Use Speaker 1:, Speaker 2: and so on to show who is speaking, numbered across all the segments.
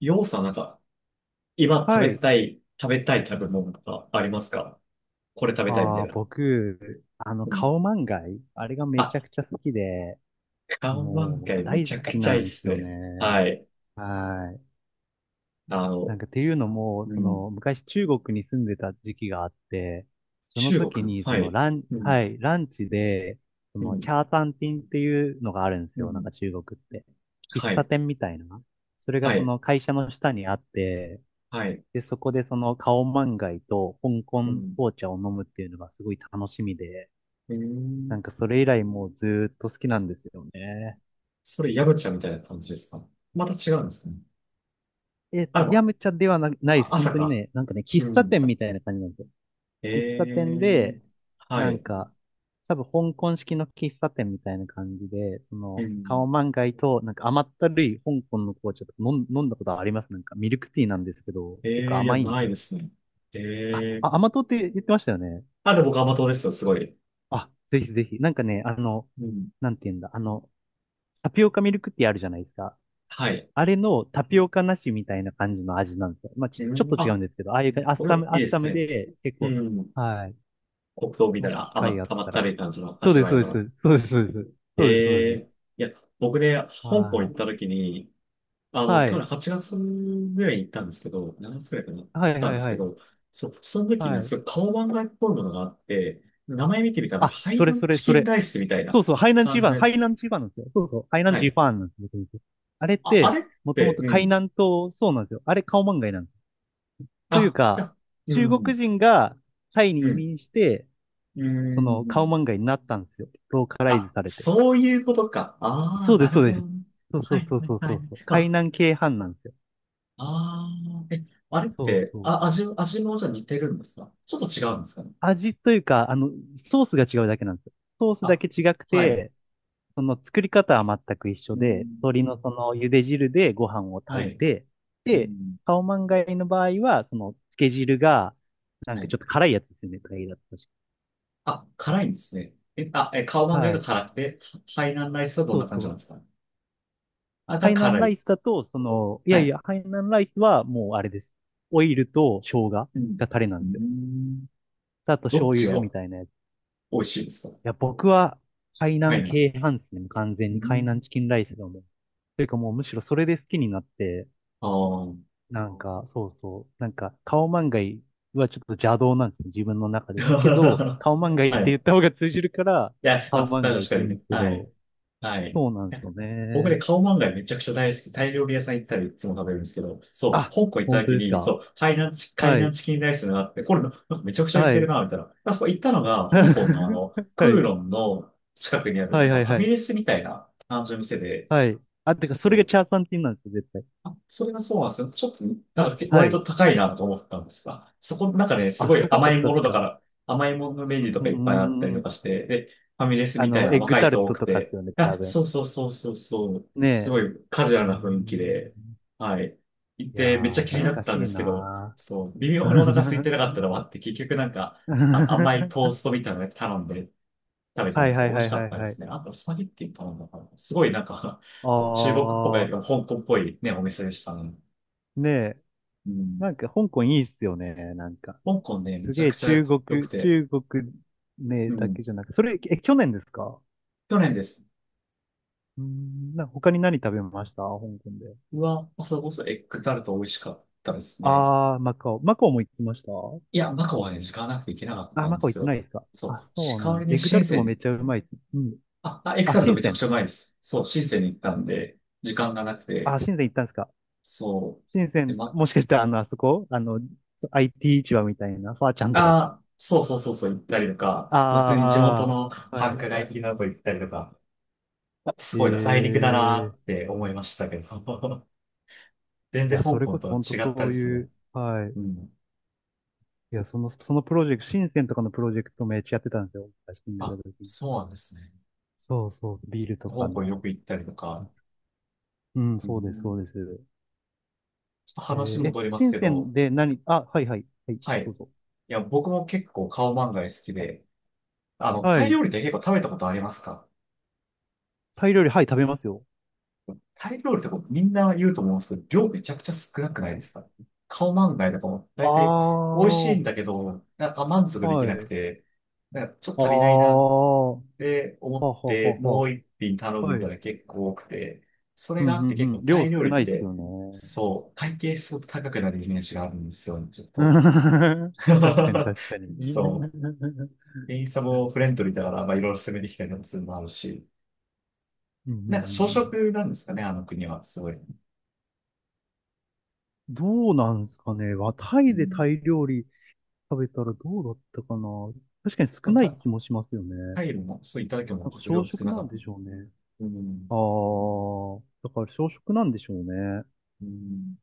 Speaker 1: 要素はなんか、今食
Speaker 2: は
Speaker 1: べ
Speaker 2: い。
Speaker 1: たい、食べたい食べ物とかありますか？これ食べたいみた
Speaker 2: あ
Speaker 1: い
Speaker 2: あ、
Speaker 1: な。
Speaker 2: 僕、
Speaker 1: うん。
Speaker 2: カオマンガイ、あれがめち
Speaker 1: あ、
Speaker 2: ゃくちゃ好きで、
Speaker 1: カオマン
Speaker 2: も
Speaker 1: ガ
Speaker 2: う
Speaker 1: イめ
Speaker 2: 大
Speaker 1: ちゃ
Speaker 2: 好
Speaker 1: く
Speaker 2: き
Speaker 1: ちゃい
Speaker 2: な
Speaker 1: いっ
Speaker 2: んで
Speaker 1: す
Speaker 2: すよ
Speaker 1: ね。は
Speaker 2: ね。
Speaker 1: い。
Speaker 2: はい。
Speaker 1: あ
Speaker 2: な
Speaker 1: の、
Speaker 2: んかっていうのも、
Speaker 1: う
Speaker 2: そ
Speaker 1: ん。
Speaker 2: の、昔中国に住んでた時期があって、その
Speaker 1: 中
Speaker 2: 時
Speaker 1: 国。
Speaker 2: に、そ
Speaker 1: は
Speaker 2: の、
Speaker 1: い。う
Speaker 2: は
Speaker 1: ん。
Speaker 2: い、ランチで、そ
Speaker 1: う
Speaker 2: の、チ
Speaker 1: ん。
Speaker 2: ャータンティンっていうのがあるんです
Speaker 1: う
Speaker 2: よ。なん
Speaker 1: ん。
Speaker 2: か中国って。
Speaker 1: は
Speaker 2: 喫茶
Speaker 1: い。
Speaker 2: 店みたいな。それが
Speaker 1: は
Speaker 2: そ
Speaker 1: い。
Speaker 2: の会社の下にあって、
Speaker 1: はい。
Speaker 2: で、そこでそのカオマンガイと香港
Speaker 1: うん。
Speaker 2: 紅茶を飲むっていうのがすごい楽しみで、
Speaker 1: うー
Speaker 2: な
Speaker 1: ん。
Speaker 2: んかそれ以来もうずーっと好きなんですよね。
Speaker 1: それ、ヤムチャみたいな感じですか？また違うんですかね。あ、で
Speaker 2: ヤ
Speaker 1: も
Speaker 2: ムチャではないで
Speaker 1: あ、
Speaker 2: す。本
Speaker 1: 朝
Speaker 2: 当に
Speaker 1: か。
Speaker 2: ね、なんかね、
Speaker 1: う
Speaker 2: 喫茶
Speaker 1: ん。
Speaker 2: 店みたいな感じなんですよ。喫茶
Speaker 1: ええ
Speaker 2: 店
Speaker 1: ー。
Speaker 2: で、
Speaker 1: は
Speaker 2: なん
Speaker 1: い。
Speaker 2: か、多分香港式の喫茶店みたいな感じで、そ
Speaker 1: う
Speaker 2: の、カ
Speaker 1: ん。
Speaker 2: オマンガイと、なんか甘ったるい香港の紅茶とか飲んだことありますなんかミルクティーなんですけど、結構
Speaker 1: ええー、いや、
Speaker 2: 甘いんで
Speaker 1: な
Speaker 2: す
Speaker 1: い
Speaker 2: よ
Speaker 1: で
Speaker 2: ね。
Speaker 1: すね。ええ
Speaker 2: 甘党って言ってましたよね。
Speaker 1: あ、でも僕甘党ですよ、すごい。
Speaker 2: あ、ぜひぜひ。なんかね、
Speaker 1: うん。
Speaker 2: なんて言うんだ、タピオカミルクティーあるじゃないですか。
Speaker 1: はい。
Speaker 2: あれのタピオカなしみたいな感じの味なんですよ。まあ、ち、
Speaker 1: う
Speaker 2: ちょっ
Speaker 1: ん。
Speaker 2: と違う
Speaker 1: あ、
Speaker 2: んですけど、ああいう感じ、アッ
Speaker 1: これ
Speaker 2: サム、ア
Speaker 1: いい
Speaker 2: ッ
Speaker 1: で
Speaker 2: サ
Speaker 1: す
Speaker 2: ム
Speaker 1: ね。
Speaker 2: で、結
Speaker 1: う
Speaker 2: 構、
Speaker 1: ん。
Speaker 2: はい。
Speaker 1: 黒糖みた
Speaker 2: も
Speaker 1: い
Speaker 2: し
Speaker 1: な
Speaker 2: 機会あっ
Speaker 1: 甘っ
Speaker 2: た
Speaker 1: た
Speaker 2: ら。
Speaker 1: るい感じの
Speaker 2: そう
Speaker 1: 味
Speaker 2: です、
Speaker 1: わい
Speaker 2: そうで
Speaker 1: の。
Speaker 2: す。そうです、そうです。そうです、そう
Speaker 1: え
Speaker 2: です。
Speaker 1: えいや、僕ね、香港行
Speaker 2: は
Speaker 1: った
Speaker 2: い。
Speaker 1: 時に、あの、
Speaker 2: は
Speaker 1: 去
Speaker 2: い。
Speaker 1: 年8月ぐらいに行ったんですけど、7月ぐらいかな、行っ
Speaker 2: はい、は
Speaker 1: たん
Speaker 2: い、
Speaker 1: です
Speaker 2: は
Speaker 1: け
Speaker 2: い。
Speaker 1: ど、その時に
Speaker 2: は
Speaker 1: ね、
Speaker 2: い。
Speaker 1: すごい顔漫画っぽいものがあって、名前見てみたら、なん
Speaker 2: あ、
Speaker 1: かハイ
Speaker 2: そ
Speaker 1: ダ
Speaker 2: れ、
Speaker 1: ン
Speaker 2: それ、
Speaker 1: チ
Speaker 2: そ
Speaker 1: キン
Speaker 2: れ。
Speaker 1: ライスみたい
Speaker 2: そう
Speaker 1: な
Speaker 2: そう、ハイナンチー
Speaker 1: 感
Speaker 2: ファ
Speaker 1: じ
Speaker 2: ン、
Speaker 1: で
Speaker 2: ハイ
Speaker 1: す。
Speaker 2: ナンチーファンなんですよ。そうそう、ハイナン
Speaker 1: は
Speaker 2: チー
Speaker 1: い。
Speaker 2: ファンなんですよ。僕あれっ
Speaker 1: あ、あ
Speaker 2: て、
Speaker 1: れっ
Speaker 2: もとも
Speaker 1: て、
Speaker 2: と
Speaker 1: う
Speaker 2: 海
Speaker 1: ん。
Speaker 2: 南島、そうなんですよ。あれ、カオマンガイなんです。という
Speaker 1: あ、じゃ
Speaker 2: か、
Speaker 1: あ、う
Speaker 2: 中国
Speaker 1: ん、
Speaker 2: 人がタイ
Speaker 1: う
Speaker 2: に移
Speaker 1: ん、
Speaker 2: 民して、
Speaker 1: う
Speaker 2: その顔
Speaker 1: ん。
Speaker 2: 漫画になったんですよ。ローカライズ
Speaker 1: あ、
Speaker 2: されて。
Speaker 1: そういうことか。ああ、
Speaker 2: そうで
Speaker 1: な
Speaker 2: す、
Speaker 1: る
Speaker 2: そう
Speaker 1: ほ
Speaker 2: で
Speaker 1: ど。
Speaker 2: す。そうそ
Speaker 1: は
Speaker 2: う
Speaker 1: い
Speaker 2: そう
Speaker 1: は
Speaker 2: そ
Speaker 1: い
Speaker 2: う
Speaker 1: は
Speaker 2: そ
Speaker 1: い。
Speaker 2: うそう。海
Speaker 1: あ、
Speaker 2: 南系飯なんですよ。
Speaker 1: ああ、え、あれっ
Speaker 2: そう
Speaker 1: て、
Speaker 2: そう。
Speaker 1: あ、味もじゃあ似てるんですか？ちょっと違うんですかね。
Speaker 2: 味というか、あの、ソースが違うだけなんですよ。ソースだ
Speaker 1: あ、
Speaker 2: け違く
Speaker 1: はい。
Speaker 2: て、その作り方は全く一緒
Speaker 1: う
Speaker 2: で、
Speaker 1: ん、
Speaker 2: 鶏のその茹で汁でご飯を
Speaker 1: は
Speaker 2: 炊い
Speaker 1: い。
Speaker 2: て、
Speaker 1: う
Speaker 2: で、
Speaker 1: ん、
Speaker 2: カオマンガイの場合は、その漬け汁が、なん
Speaker 1: は
Speaker 2: か
Speaker 1: い。
Speaker 2: ちょっと辛いやつですよね、タイだったし。
Speaker 1: あ、辛いんですね。え、あ、え、カオマンガイ
Speaker 2: は
Speaker 1: が
Speaker 2: い。
Speaker 1: 辛くて、ハイナンライスはどん
Speaker 2: そ
Speaker 1: な
Speaker 2: う
Speaker 1: 感じ
Speaker 2: そ
Speaker 1: なん
Speaker 2: う。
Speaker 1: ですか？あ、
Speaker 2: ハ
Speaker 1: が
Speaker 2: イナン
Speaker 1: 辛
Speaker 2: ライ
Speaker 1: い。
Speaker 2: スだと、その、い
Speaker 1: は
Speaker 2: やい
Speaker 1: い。
Speaker 2: や、ハイナンライスはもうあれです。オイルと生姜が
Speaker 1: うん。
Speaker 2: タレな
Speaker 1: う
Speaker 2: ん
Speaker 1: ー
Speaker 2: ですよ。
Speaker 1: ん。
Speaker 2: あと
Speaker 1: どっ
Speaker 2: 醤
Speaker 1: ち
Speaker 2: 油
Speaker 1: が
Speaker 2: みたいなやつ。い
Speaker 1: 美味しいですか？
Speaker 2: や、僕は、海
Speaker 1: は
Speaker 2: 南
Speaker 1: い、
Speaker 2: 系派ですね。もう完全
Speaker 1: う
Speaker 2: に海南
Speaker 1: ん。
Speaker 2: チキンライスだもん。というかもうむしろそれで好きになって、
Speaker 1: あ
Speaker 2: なんか、そうそう、なんか、カオマンガイはちょっと邪道なんですね、自分の中では。けど、カオマンガイっ
Speaker 1: あ。は
Speaker 2: て
Speaker 1: い。
Speaker 2: 言っ
Speaker 1: い
Speaker 2: た方が通じるから、
Speaker 1: や、ま
Speaker 2: カオ
Speaker 1: あ、
Speaker 2: マンガイっ
Speaker 1: 確
Speaker 2: て
Speaker 1: かに
Speaker 2: 言うん
Speaker 1: ね。
Speaker 2: ですけ
Speaker 1: は
Speaker 2: ど、
Speaker 1: い。はい。
Speaker 2: そうなんですよ
Speaker 1: 僕ね、
Speaker 2: ね。
Speaker 1: カオマンガイめちゃくちゃ大好き。タイ料理屋さん行ったらいつも食べるんですけど、そう、
Speaker 2: あ、
Speaker 1: 香港行った
Speaker 2: 本当
Speaker 1: 時
Speaker 2: です
Speaker 1: に、そ
Speaker 2: か。
Speaker 1: う、海
Speaker 2: は
Speaker 1: 南
Speaker 2: い。
Speaker 1: チキンライスがあって、これ、なんかめちゃくちゃ行っ
Speaker 2: は
Speaker 1: てる
Speaker 2: い。
Speaker 1: な、みたいな。あそこ行ったのが、香港のあの、ク
Speaker 2: は
Speaker 1: ー
Speaker 2: い。
Speaker 1: ロンの近くにある、
Speaker 2: は
Speaker 1: なん
Speaker 2: い
Speaker 1: か
Speaker 2: は
Speaker 1: フ
Speaker 2: い
Speaker 1: ァ
Speaker 2: は
Speaker 1: ミ
Speaker 2: い。
Speaker 1: レスみたいな感じの店で、
Speaker 2: はい。あ、てか、それ
Speaker 1: そ
Speaker 2: が
Speaker 1: う、
Speaker 2: チャーサンティンなんですよ、絶対。
Speaker 1: あ、それがそうなんですよ。ちょっと、なん
Speaker 2: は、
Speaker 1: かけ
Speaker 2: は
Speaker 1: 割
Speaker 2: い。
Speaker 1: と高いなと思ったんですが、そこの中で、ねす
Speaker 2: あ、
Speaker 1: ごい
Speaker 2: 高か
Speaker 1: 甘
Speaker 2: っ
Speaker 1: い
Speaker 2: た
Speaker 1: も
Speaker 2: っ
Speaker 1: の
Speaker 2: す
Speaker 1: だか
Speaker 2: か？
Speaker 1: ら、甘いものメニューと
Speaker 2: う
Speaker 1: か
Speaker 2: ー
Speaker 1: いっぱいあったりとか
Speaker 2: ん。
Speaker 1: して、で、ファミレス
Speaker 2: あ
Speaker 1: みたい
Speaker 2: の、
Speaker 1: な
Speaker 2: エッグ
Speaker 1: 若い
Speaker 2: タル
Speaker 1: 人多
Speaker 2: ト
Speaker 1: く
Speaker 2: とかっす
Speaker 1: て、
Speaker 2: よね、多
Speaker 1: あ、
Speaker 2: 分。
Speaker 1: そうそうそうそうそう、
Speaker 2: ね
Speaker 1: す
Speaker 2: え。
Speaker 1: ごいカジュ
Speaker 2: う
Speaker 1: ア
Speaker 2: ー
Speaker 1: ルな雰囲気で、
Speaker 2: ん。
Speaker 1: はい。行っ
Speaker 2: いや
Speaker 1: て、めっち
Speaker 2: ー、
Speaker 1: ゃ気に
Speaker 2: 懐
Speaker 1: なっ
Speaker 2: か
Speaker 1: たん
Speaker 2: し
Speaker 1: で
Speaker 2: い
Speaker 1: すけど、
Speaker 2: な
Speaker 1: そう、微妙にお腹空いてな
Speaker 2: ー。
Speaker 1: かったのもあって、結局なんか、あ、甘いトー ストみたいなの頼んで、食べた
Speaker 2: は
Speaker 1: ん
Speaker 2: い
Speaker 1: です
Speaker 2: は
Speaker 1: よ。
Speaker 2: い
Speaker 1: 美味
Speaker 2: は
Speaker 1: し
Speaker 2: い
Speaker 1: か
Speaker 2: は
Speaker 1: っ
Speaker 2: い
Speaker 1: たで
Speaker 2: はい。
Speaker 1: すね。あと、スパゲッティ頼んだから、すごいなんか こう中
Speaker 2: あ
Speaker 1: 国っぽく香
Speaker 2: ー、
Speaker 1: 港っぽいね、お店でしたね。
Speaker 2: ねえ。
Speaker 1: うん。
Speaker 2: なんか、香港いいっすよね、なんか。
Speaker 1: 香港ね、め
Speaker 2: す
Speaker 1: ちゃ
Speaker 2: げ
Speaker 1: く
Speaker 2: え
Speaker 1: ちゃ
Speaker 2: 中
Speaker 1: 良く
Speaker 2: 国、
Speaker 1: て。
Speaker 2: 中国ね
Speaker 1: う
Speaker 2: だ
Speaker 1: ん。
Speaker 2: けじゃなく、それ、え、去年ですか？
Speaker 1: 去年です。
Speaker 2: うん、なんか他に何食べました香港で。
Speaker 1: うわ、それこそエッグタルト美味しかったですね。
Speaker 2: あー、マカオ。マカオも行きました？
Speaker 1: いや、マカオはね、時間なくて行けなかっ
Speaker 2: あー、
Speaker 1: たん
Speaker 2: マ
Speaker 1: で
Speaker 2: カオ行
Speaker 1: す
Speaker 2: ってな
Speaker 1: よ。
Speaker 2: いですか？
Speaker 1: そ
Speaker 2: あ、
Speaker 1: う。し、
Speaker 2: そう
Speaker 1: 代
Speaker 2: な
Speaker 1: わ
Speaker 2: ん
Speaker 1: り
Speaker 2: です。
Speaker 1: に
Speaker 2: エッグタ
Speaker 1: 深
Speaker 2: ルト
Speaker 1: セ
Speaker 2: も
Speaker 1: ン
Speaker 2: めっ
Speaker 1: に。
Speaker 2: ちゃうまいです。うん。
Speaker 1: あ、あ、エッグ
Speaker 2: あ、
Speaker 1: タルト
Speaker 2: 深
Speaker 1: めち
Speaker 2: セ
Speaker 1: ゃくち
Speaker 2: ン。
Speaker 1: ゃうまいです。そう、深センに行ったんで、時間がなく
Speaker 2: あ、
Speaker 1: て。
Speaker 2: 深セン行ったんですか？
Speaker 1: そ
Speaker 2: 深セ
Speaker 1: う。で、
Speaker 2: ン、
Speaker 1: マ
Speaker 2: もしかしてあの、あそこあの、IT 市場みたいな、ファーちゃんとか。
Speaker 1: あ、そうそうそうそう行ったりとか、まあ、普通に地元
Speaker 2: あ
Speaker 1: の
Speaker 2: あ、は
Speaker 1: 繁華
Speaker 2: い。
Speaker 1: 街的なとこ行ったりとか、す
Speaker 2: え
Speaker 1: ごいな大陸だな
Speaker 2: え、
Speaker 1: って思いましたけど、全
Speaker 2: い
Speaker 1: 然
Speaker 2: や、
Speaker 1: 香
Speaker 2: それ
Speaker 1: 港
Speaker 2: こ
Speaker 1: と
Speaker 2: そ
Speaker 1: は
Speaker 2: 本当
Speaker 1: 違った
Speaker 2: そ
Speaker 1: で
Speaker 2: う
Speaker 1: す
Speaker 2: い
Speaker 1: ね。
Speaker 2: う、はい。
Speaker 1: うん。
Speaker 2: いや、その、そのプロジェクト、深センとかのプロジェクトめっちゃやってたんですよ。私住んた
Speaker 1: あ、
Speaker 2: 時に。
Speaker 1: そうなんですね。
Speaker 2: そうそう、ビールと
Speaker 1: 香
Speaker 2: か
Speaker 1: 港
Speaker 2: の。
Speaker 1: よく行ったりとか、
Speaker 2: うん、
Speaker 1: う
Speaker 2: そうです、そ
Speaker 1: ん、
Speaker 2: うです。
Speaker 1: ちょっと
Speaker 2: え
Speaker 1: 話
Speaker 2: ーえ、
Speaker 1: 戻ります
Speaker 2: 深
Speaker 1: け
Speaker 2: セン
Speaker 1: ど、
Speaker 2: で何、あ、はいはい、はい、
Speaker 1: はい。い
Speaker 2: どうぞ。
Speaker 1: や、僕も結構カオマンガイ好きで、あの、
Speaker 2: は
Speaker 1: タイ
Speaker 2: い。
Speaker 1: 料理って結構食べたことありますか？
Speaker 2: タイ料理、はい、食べますよ。
Speaker 1: タイ料理ってこうみんな言うと思うんですけど、量めちゃくちゃ少なくない
Speaker 2: は
Speaker 1: で
Speaker 2: い。
Speaker 1: すか？顔満画とかも
Speaker 2: あ
Speaker 1: 大体美味
Speaker 2: あ、
Speaker 1: しいん
Speaker 2: は
Speaker 1: だけど、なんか満足できな
Speaker 2: い。
Speaker 1: くて、なんかちょっ
Speaker 2: あ
Speaker 1: と足りない
Speaker 2: あ、
Speaker 1: なって思っ
Speaker 2: ははは
Speaker 1: て、も
Speaker 2: は。
Speaker 1: う一品頼む
Speaker 2: は
Speaker 1: みたい
Speaker 2: い。
Speaker 1: な結構多くて、それ
Speaker 2: う
Speaker 1: が
Speaker 2: ん
Speaker 1: あ
Speaker 2: う
Speaker 1: って
Speaker 2: ん
Speaker 1: 結
Speaker 2: う
Speaker 1: 構
Speaker 2: ん。
Speaker 1: タ
Speaker 2: 量
Speaker 1: イ
Speaker 2: 少
Speaker 1: 料理っ
Speaker 2: ないです
Speaker 1: て、
Speaker 2: よね。うん。
Speaker 1: そう、会計すごく高くなるイメージがあるんですよね、ちょっと。
Speaker 2: 確かに、確かに。う
Speaker 1: そ
Speaker 2: ん
Speaker 1: う。
Speaker 2: うん
Speaker 1: 店員さんもフレンドリーだから、まあいろいろ攻めてきたりもするのもあるし、
Speaker 2: うんう
Speaker 1: なんか小
Speaker 2: ん。
Speaker 1: 食なんですかね、あの国は、すごい。
Speaker 2: どうなんですかね。わタ
Speaker 1: う
Speaker 2: イで
Speaker 1: ん
Speaker 2: タイ料理食べたらどうだったかな。確かに少ない気もしますよね。
Speaker 1: タイル
Speaker 2: な
Speaker 1: も、そういっただけも
Speaker 2: ん
Speaker 1: ち
Speaker 2: か
Speaker 1: ょっと
Speaker 2: 小
Speaker 1: 量少
Speaker 2: 食
Speaker 1: な
Speaker 2: な
Speaker 1: か
Speaker 2: ん
Speaker 1: った。
Speaker 2: でしょうね。
Speaker 1: うん。
Speaker 2: ああ、だから小食なんでしょうね。
Speaker 1: うん。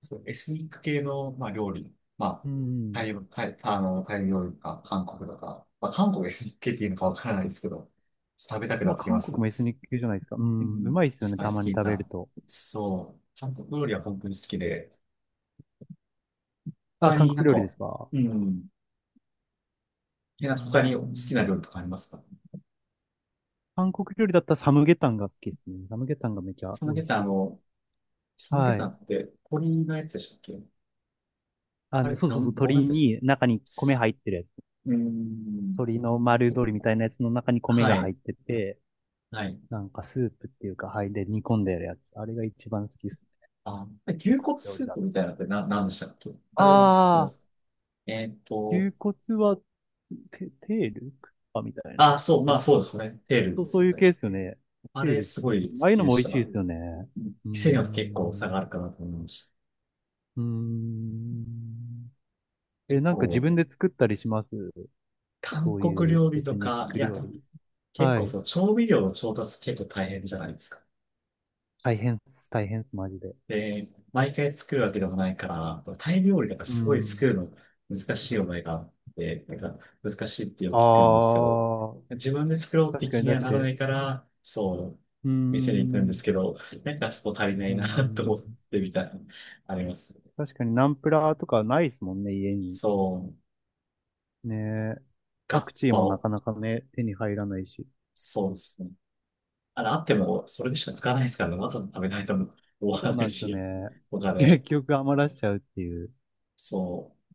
Speaker 1: そう、エスニック系の、まあ、料理。ま
Speaker 2: う
Speaker 1: あ、タ
Speaker 2: ん。
Speaker 1: イ、タイ、あの、タイ料理か、韓国とか、まあ、韓国エスニック系っていうのかわからないですけど、食べたくな
Speaker 2: ま
Speaker 1: っ
Speaker 2: あ、
Speaker 1: てきま
Speaker 2: 韓国
Speaker 1: す。
Speaker 2: もエスニック系じゃないですか。う
Speaker 1: う
Speaker 2: ん。う
Speaker 1: ん。
Speaker 2: まいですよ
Speaker 1: ス
Speaker 2: ね、
Speaker 1: パイ
Speaker 2: た
Speaker 1: ス
Speaker 2: ま
Speaker 1: 効
Speaker 2: に
Speaker 1: い
Speaker 2: 食べる
Speaker 1: た。
Speaker 2: と。
Speaker 1: そう。韓国料理は本当に好きで、
Speaker 2: あ、
Speaker 1: 他
Speaker 2: 韓
Speaker 1: になん
Speaker 2: 国料理で
Speaker 1: か、
Speaker 2: すか？
Speaker 1: うん。え、なん
Speaker 2: う
Speaker 1: か他に好きな
Speaker 2: ん。
Speaker 1: 料理とかありますか？
Speaker 2: 韓国料理だったらサムゲタンが好きですね。サムゲタンがめちゃ
Speaker 1: サム
Speaker 2: 美
Speaker 1: ゲ
Speaker 2: 味
Speaker 1: タ
Speaker 2: し
Speaker 1: ン、あ
Speaker 2: い。
Speaker 1: の、サムゲ
Speaker 2: は
Speaker 1: タン
Speaker 2: い。
Speaker 1: って鳥のやつでしたっけ？
Speaker 2: あ
Speaker 1: あれ、
Speaker 2: の、そうそうそう、
Speaker 1: どんなや
Speaker 2: 鶏
Speaker 1: つでした
Speaker 2: に中に米
Speaker 1: す
Speaker 2: 入ってるやつ。
Speaker 1: うーん。
Speaker 2: 鶏の丸鶏みたいなやつの中に米
Speaker 1: は
Speaker 2: が入
Speaker 1: い。
Speaker 2: ってて、
Speaker 1: はい。
Speaker 2: なんかスープっていうか、はい、で煮込んでやるやつ。あれが一番好きですね。
Speaker 1: あ、
Speaker 2: 韓
Speaker 1: 牛
Speaker 2: 国
Speaker 1: 骨
Speaker 2: 料理
Speaker 1: スー
Speaker 2: だ
Speaker 1: プ
Speaker 2: と。
Speaker 1: みたいなのって何でしたっけ？あれ僕好きで
Speaker 2: ああ。
Speaker 1: す。えーっと、
Speaker 2: 牛骨は、テール、あ、みたいな。
Speaker 1: あ、そう、
Speaker 2: テ
Speaker 1: ま
Speaker 2: ー
Speaker 1: あ
Speaker 2: ルそ
Speaker 1: そうで
Speaker 2: うか、
Speaker 1: すね。テール
Speaker 2: そ
Speaker 1: で
Speaker 2: う、そう
Speaker 1: す
Speaker 2: いう系
Speaker 1: ね。
Speaker 2: ですよね。
Speaker 1: あ
Speaker 2: テー
Speaker 1: れ
Speaker 2: ルです
Speaker 1: す
Speaker 2: ね。
Speaker 1: ごい好
Speaker 2: ああいう
Speaker 1: き
Speaker 2: の
Speaker 1: で
Speaker 2: も
Speaker 1: し
Speaker 2: 美味しい
Speaker 1: た。
Speaker 2: ですよね。うー
Speaker 1: 店によって結構差が
Speaker 2: ん。
Speaker 1: あるかなと思いまし
Speaker 2: うーん。
Speaker 1: た。
Speaker 2: え、
Speaker 1: 結
Speaker 2: なんか自
Speaker 1: 構、
Speaker 2: 分で作ったりします？
Speaker 1: 韓
Speaker 2: そう
Speaker 1: 国
Speaker 2: いう
Speaker 1: 料
Speaker 2: エ
Speaker 1: 理と
Speaker 2: スニッ
Speaker 1: か、い
Speaker 2: ク
Speaker 1: や、
Speaker 2: 料理。
Speaker 1: 結
Speaker 2: は
Speaker 1: 構
Speaker 2: い。
Speaker 1: そう、調味料の調達結構大変じゃないですか？
Speaker 2: 大変っす、大変っす、マジで。
Speaker 1: で、毎回作るわけでもないから、タイ料理とか
Speaker 2: う
Speaker 1: すごい作
Speaker 2: ん。
Speaker 1: るの難しいおいがあって、なんか難しいってよく聞くんです
Speaker 2: あ
Speaker 1: よ。
Speaker 2: あ、
Speaker 1: 自分で作ろうって
Speaker 2: 確か
Speaker 1: 気
Speaker 2: に
Speaker 1: に
Speaker 2: だ
Speaker 1: は
Speaker 2: っ
Speaker 1: ならな
Speaker 2: て、
Speaker 1: いから、そう、
Speaker 2: うー
Speaker 1: 店に行くんです
Speaker 2: ん、
Speaker 1: けど、なんかちょっと足りな
Speaker 2: う
Speaker 1: い
Speaker 2: ー
Speaker 1: なと
Speaker 2: ん、
Speaker 1: 思ってみたいな、あります。
Speaker 2: 確かにナンプラーとかないですもんね、家に。
Speaker 1: そう、
Speaker 2: ねえ。
Speaker 1: ガ
Speaker 2: パ
Speaker 1: ッ
Speaker 2: クチー
Speaker 1: パ
Speaker 2: もな
Speaker 1: を、
Speaker 2: かなかね、手に入らないし。
Speaker 1: そうですね。あれ、あっても、それでしか使わないですからね。わざわざ食べないとも終わ
Speaker 2: そう
Speaker 1: らな
Speaker 2: な
Speaker 1: い
Speaker 2: んですよ
Speaker 1: し、
Speaker 2: ね。
Speaker 1: お
Speaker 2: 結
Speaker 1: 金、
Speaker 2: 局余らしちゃうっていう。
Speaker 1: そう、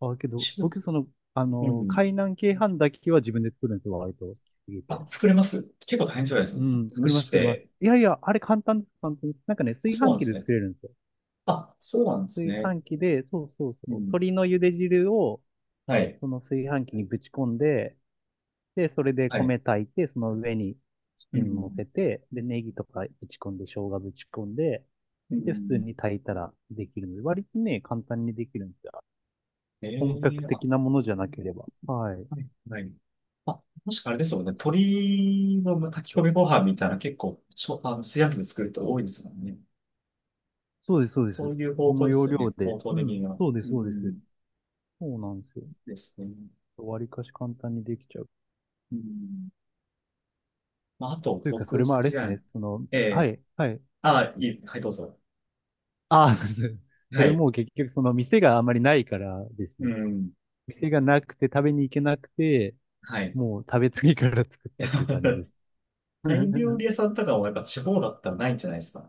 Speaker 2: あ、けど、
Speaker 1: 中、
Speaker 2: 僕その、あ
Speaker 1: う
Speaker 2: の、
Speaker 1: ん。
Speaker 2: 海南鶏飯だけは自分で作るんですよ、割と。好きすぎ
Speaker 1: あ、
Speaker 2: て。
Speaker 1: 作れます結構大変じゃないです
Speaker 2: う
Speaker 1: か？
Speaker 2: ん、
Speaker 1: 蒸
Speaker 2: 作ります、
Speaker 1: し
Speaker 2: 作ります。
Speaker 1: て、
Speaker 2: いやいや、あれ簡単です、簡単です。なんかね、炊
Speaker 1: そうな
Speaker 2: 飯
Speaker 1: んで
Speaker 2: 器
Speaker 1: す
Speaker 2: で
Speaker 1: ね。
Speaker 2: 作れるんですよ。
Speaker 1: あ、そうなんです
Speaker 2: 炊
Speaker 1: ね。
Speaker 2: 飯器で、そうそう
Speaker 1: う
Speaker 2: そう。
Speaker 1: ん。
Speaker 2: 鶏の茹で汁を、
Speaker 1: はい。
Speaker 2: その炊飯器にぶち込んで、で、それで
Speaker 1: はい。
Speaker 2: 米炊いて、その上にチ
Speaker 1: う
Speaker 2: キン乗
Speaker 1: ん。
Speaker 2: せて、で、ネギとかぶち込んで、生姜ぶち込んで、
Speaker 1: う
Speaker 2: で、普通
Speaker 1: ん。
Speaker 2: に炊いたらできるので、割とね、簡単にできるんですよ。
Speaker 1: え
Speaker 2: 本格
Speaker 1: えあ、
Speaker 2: 的なものじゃなければ。はい。
Speaker 1: はい。はい。あ、もしかあれですよね。鶏の炊き込みご飯みたいな結構、しょ、あの、炊飯器で作る人多いですもんね。
Speaker 2: そうです、そうで
Speaker 1: そう
Speaker 2: す。
Speaker 1: いう方
Speaker 2: こ
Speaker 1: 向
Speaker 2: の
Speaker 1: で
Speaker 2: 要
Speaker 1: すよ
Speaker 2: 領
Speaker 1: ね。
Speaker 2: で。
Speaker 1: 方向
Speaker 2: う
Speaker 1: 的に
Speaker 2: ん、
Speaker 1: は。
Speaker 2: そうで
Speaker 1: う
Speaker 2: す、そうです。
Speaker 1: ん。
Speaker 2: そうなんですよ。
Speaker 1: ですね。
Speaker 2: 割かし簡単にできちゃう。
Speaker 1: うん。まあ、あと、
Speaker 2: というか、
Speaker 1: 僕
Speaker 2: そ
Speaker 1: 好
Speaker 2: れもあれ
Speaker 1: き
Speaker 2: です
Speaker 1: な、
Speaker 2: ね。その、
Speaker 1: え
Speaker 2: は
Speaker 1: え
Speaker 2: い、はい。
Speaker 1: あ、いい。はい、どうぞ。
Speaker 2: ああ、そうです。そ
Speaker 1: は
Speaker 2: れ
Speaker 1: い。
Speaker 2: も結局、その店があまりないからです
Speaker 1: う
Speaker 2: ね。
Speaker 1: ん。
Speaker 2: 店がなくて食べに行けなくて、
Speaker 1: はい。
Speaker 2: もう食べたいから作ったっていう感じ です。
Speaker 1: タイ料理 屋さんとかもやっぱ地方だったらないんじゃないですか？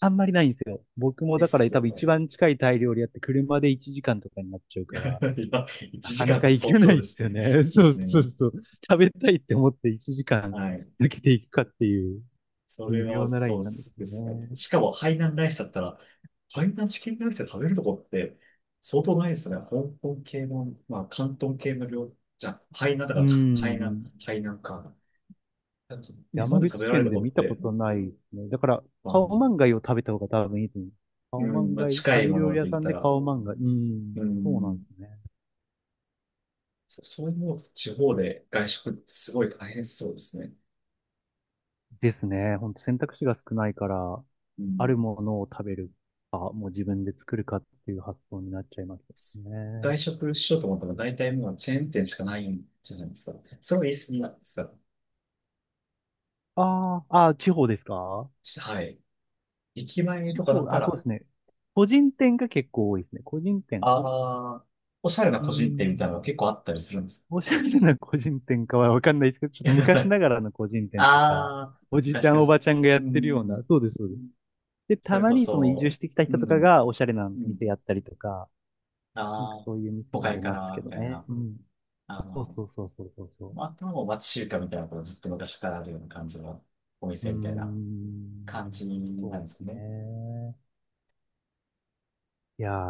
Speaker 2: あんまりないんですよ。僕も
Speaker 1: で
Speaker 2: だから
Speaker 1: す
Speaker 2: 多
Speaker 1: よ
Speaker 2: 分一
Speaker 1: ね。
Speaker 2: 番近いタイ料理やって車で1時間とかになっちゃう
Speaker 1: い
Speaker 2: から、
Speaker 1: や、
Speaker 2: な
Speaker 1: 1
Speaker 2: か
Speaker 1: 時
Speaker 2: な
Speaker 1: 間っ
Speaker 2: か
Speaker 1: て
Speaker 2: 行け
Speaker 1: 相
Speaker 2: な
Speaker 1: 当で
Speaker 2: いで
Speaker 1: す
Speaker 2: すよ
Speaker 1: ね。
Speaker 2: ね。
Speaker 1: で
Speaker 2: そう
Speaker 1: す
Speaker 2: そう
Speaker 1: ね。
Speaker 2: そう。食べたいって思って1時間
Speaker 1: はい。
Speaker 2: 抜けていくかっていう
Speaker 1: そ
Speaker 2: 微
Speaker 1: れは
Speaker 2: 妙なライ
Speaker 1: そ
Speaker 2: ン
Speaker 1: う
Speaker 2: なんです
Speaker 1: ですね。
Speaker 2: よね。
Speaker 1: しかも、ハイナンライスだったら、ハイナンチキンライスで食べるとこって相当ないですよね。香港系の、まあ、広東系の料、じゃあ、ハイナンだか
Speaker 2: う
Speaker 1: ら、ハイナン、
Speaker 2: ん。
Speaker 1: ハイナンか。日本
Speaker 2: 山
Speaker 1: で食
Speaker 2: 口
Speaker 1: べられ
Speaker 2: 県
Speaker 1: る
Speaker 2: で
Speaker 1: とこ
Speaker 2: 見
Speaker 1: っ
Speaker 2: たこ
Speaker 1: て、
Speaker 2: とないですね。だから、
Speaker 1: まあ、
Speaker 2: カオマンガイを食べた方が多分いいと思う。カ
Speaker 1: う
Speaker 2: オマ
Speaker 1: ん、
Speaker 2: ン
Speaker 1: まあ、
Speaker 2: ガイ、
Speaker 1: 近
Speaker 2: タ
Speaker 1: い
Speaker 2: イ
Speaker 1: も
Speaker 2: 料
Speaker 1: の
Speaker 2: 理屋
Speaker 1: で言
Speaker 2: さ
Speaker 1: っ
Speaker 2: ん
Speaker 1: た
Speaker 2: でカ
Speaker 1: ら、
Speaker 2: オマンガイ。うん。
Speaker 1: う
Speaker 2: そうなんで
Speaker 1: ん、
Speaker 2: すね。
Speaker 1: そういうの地方で外食ってすごい大変そうですね。
Speaker 2: ですね。ほんと選択肢が少ないから、
Speaker 1: う
Speaker 2: ある
Speaker 1: ん。
Speaker 2: ものを食べるか、もう自分で作るかっていう発想になっちゃいます
Speaker 1: 外
Speaker 2: ね。
Speaker 1: 食しようと思ったら大体もうチェーン店しかないんじゃないですか？それは言い過ぎなんですが。
Speaker 2: ああ、ああ、地方ですか？
Speaker 1: はい。駅前
Speaker 2: 地
Speaker 1: とかだっ
Speaker 2: 方、
Speaker 1: た
Speaker 2: あ、そう
Speaker 1: ら、
Speaker 2: ですね。個人店が結構多いですね。個人店。
Speaker 1: ああ、おしゃれな
Speaker 2: うー
Speaker 1: 個人店みたい
Speaker 2: ん。
Speaker 1: なのが結構あったりするんです。
Speaker 2: おしゃれな個人店かはわかんないですけど、ちょっと昔ながらの個人 店とか、
Speaker 1: ああ、
Speaker 2: おじい
Speaker 1: 外
Speaker 2: ちゃんお
Speaker 1: 食、
Speaker 2: ばちゃんがやっ
Speaker 1: う
Speaker 2: てるよう
Speaker 1: ん。
Speaker 2: な、そうです、そうです。で、
Speaker 1: そ
Speaker 2: た
Speaker 1: れ
Speaker 2: ま
Speaker 1: こ
Speaker 2: にその移住
Speaker 1: そ、
Speaker 2: してきた
Speaker 1: う
Speaker 2: 人とか
Speaker 1: ん、
Speaker 2: がおしゃれな
Speaker 1: うん。
Speaker 2: 店やったりとか、なんか
Speaker 1: ああ、
Speaker 2: そういう店
Speaker 1: 都
Speaker 2: もあ
Speaker 1: 会
Speaker 2: り
Speaker 1: か
Speaker 2: ます
Speaker 1: ら、
Speaker 2: け
Speaker 1: み
Speaker 2: ど
Speaker 1: たい
Speaker 2: ね。
Speaker 1: な。
Speaker 2: うん。
Speaker 1: あ
Speaker 2: そう
Speaker 1: の、
Speaker 2: そうそうそうそうそ
Speaker 1: まああとはもう町中華みたいなことずっと昔からあるような感じのお
Speaker 2: う。うー
Speaker 1: 店みたいな。
Speaker 2: ん、
Speaker 1: 感じな
Speaker 2: そ
Speaker 1: ん
Speaker 2: う
Speaker 1: で
Speaker 2: で
Speaker 1: す
Speaker 2: す
Speaker 1: よね。
Speaker 2: ね。いやー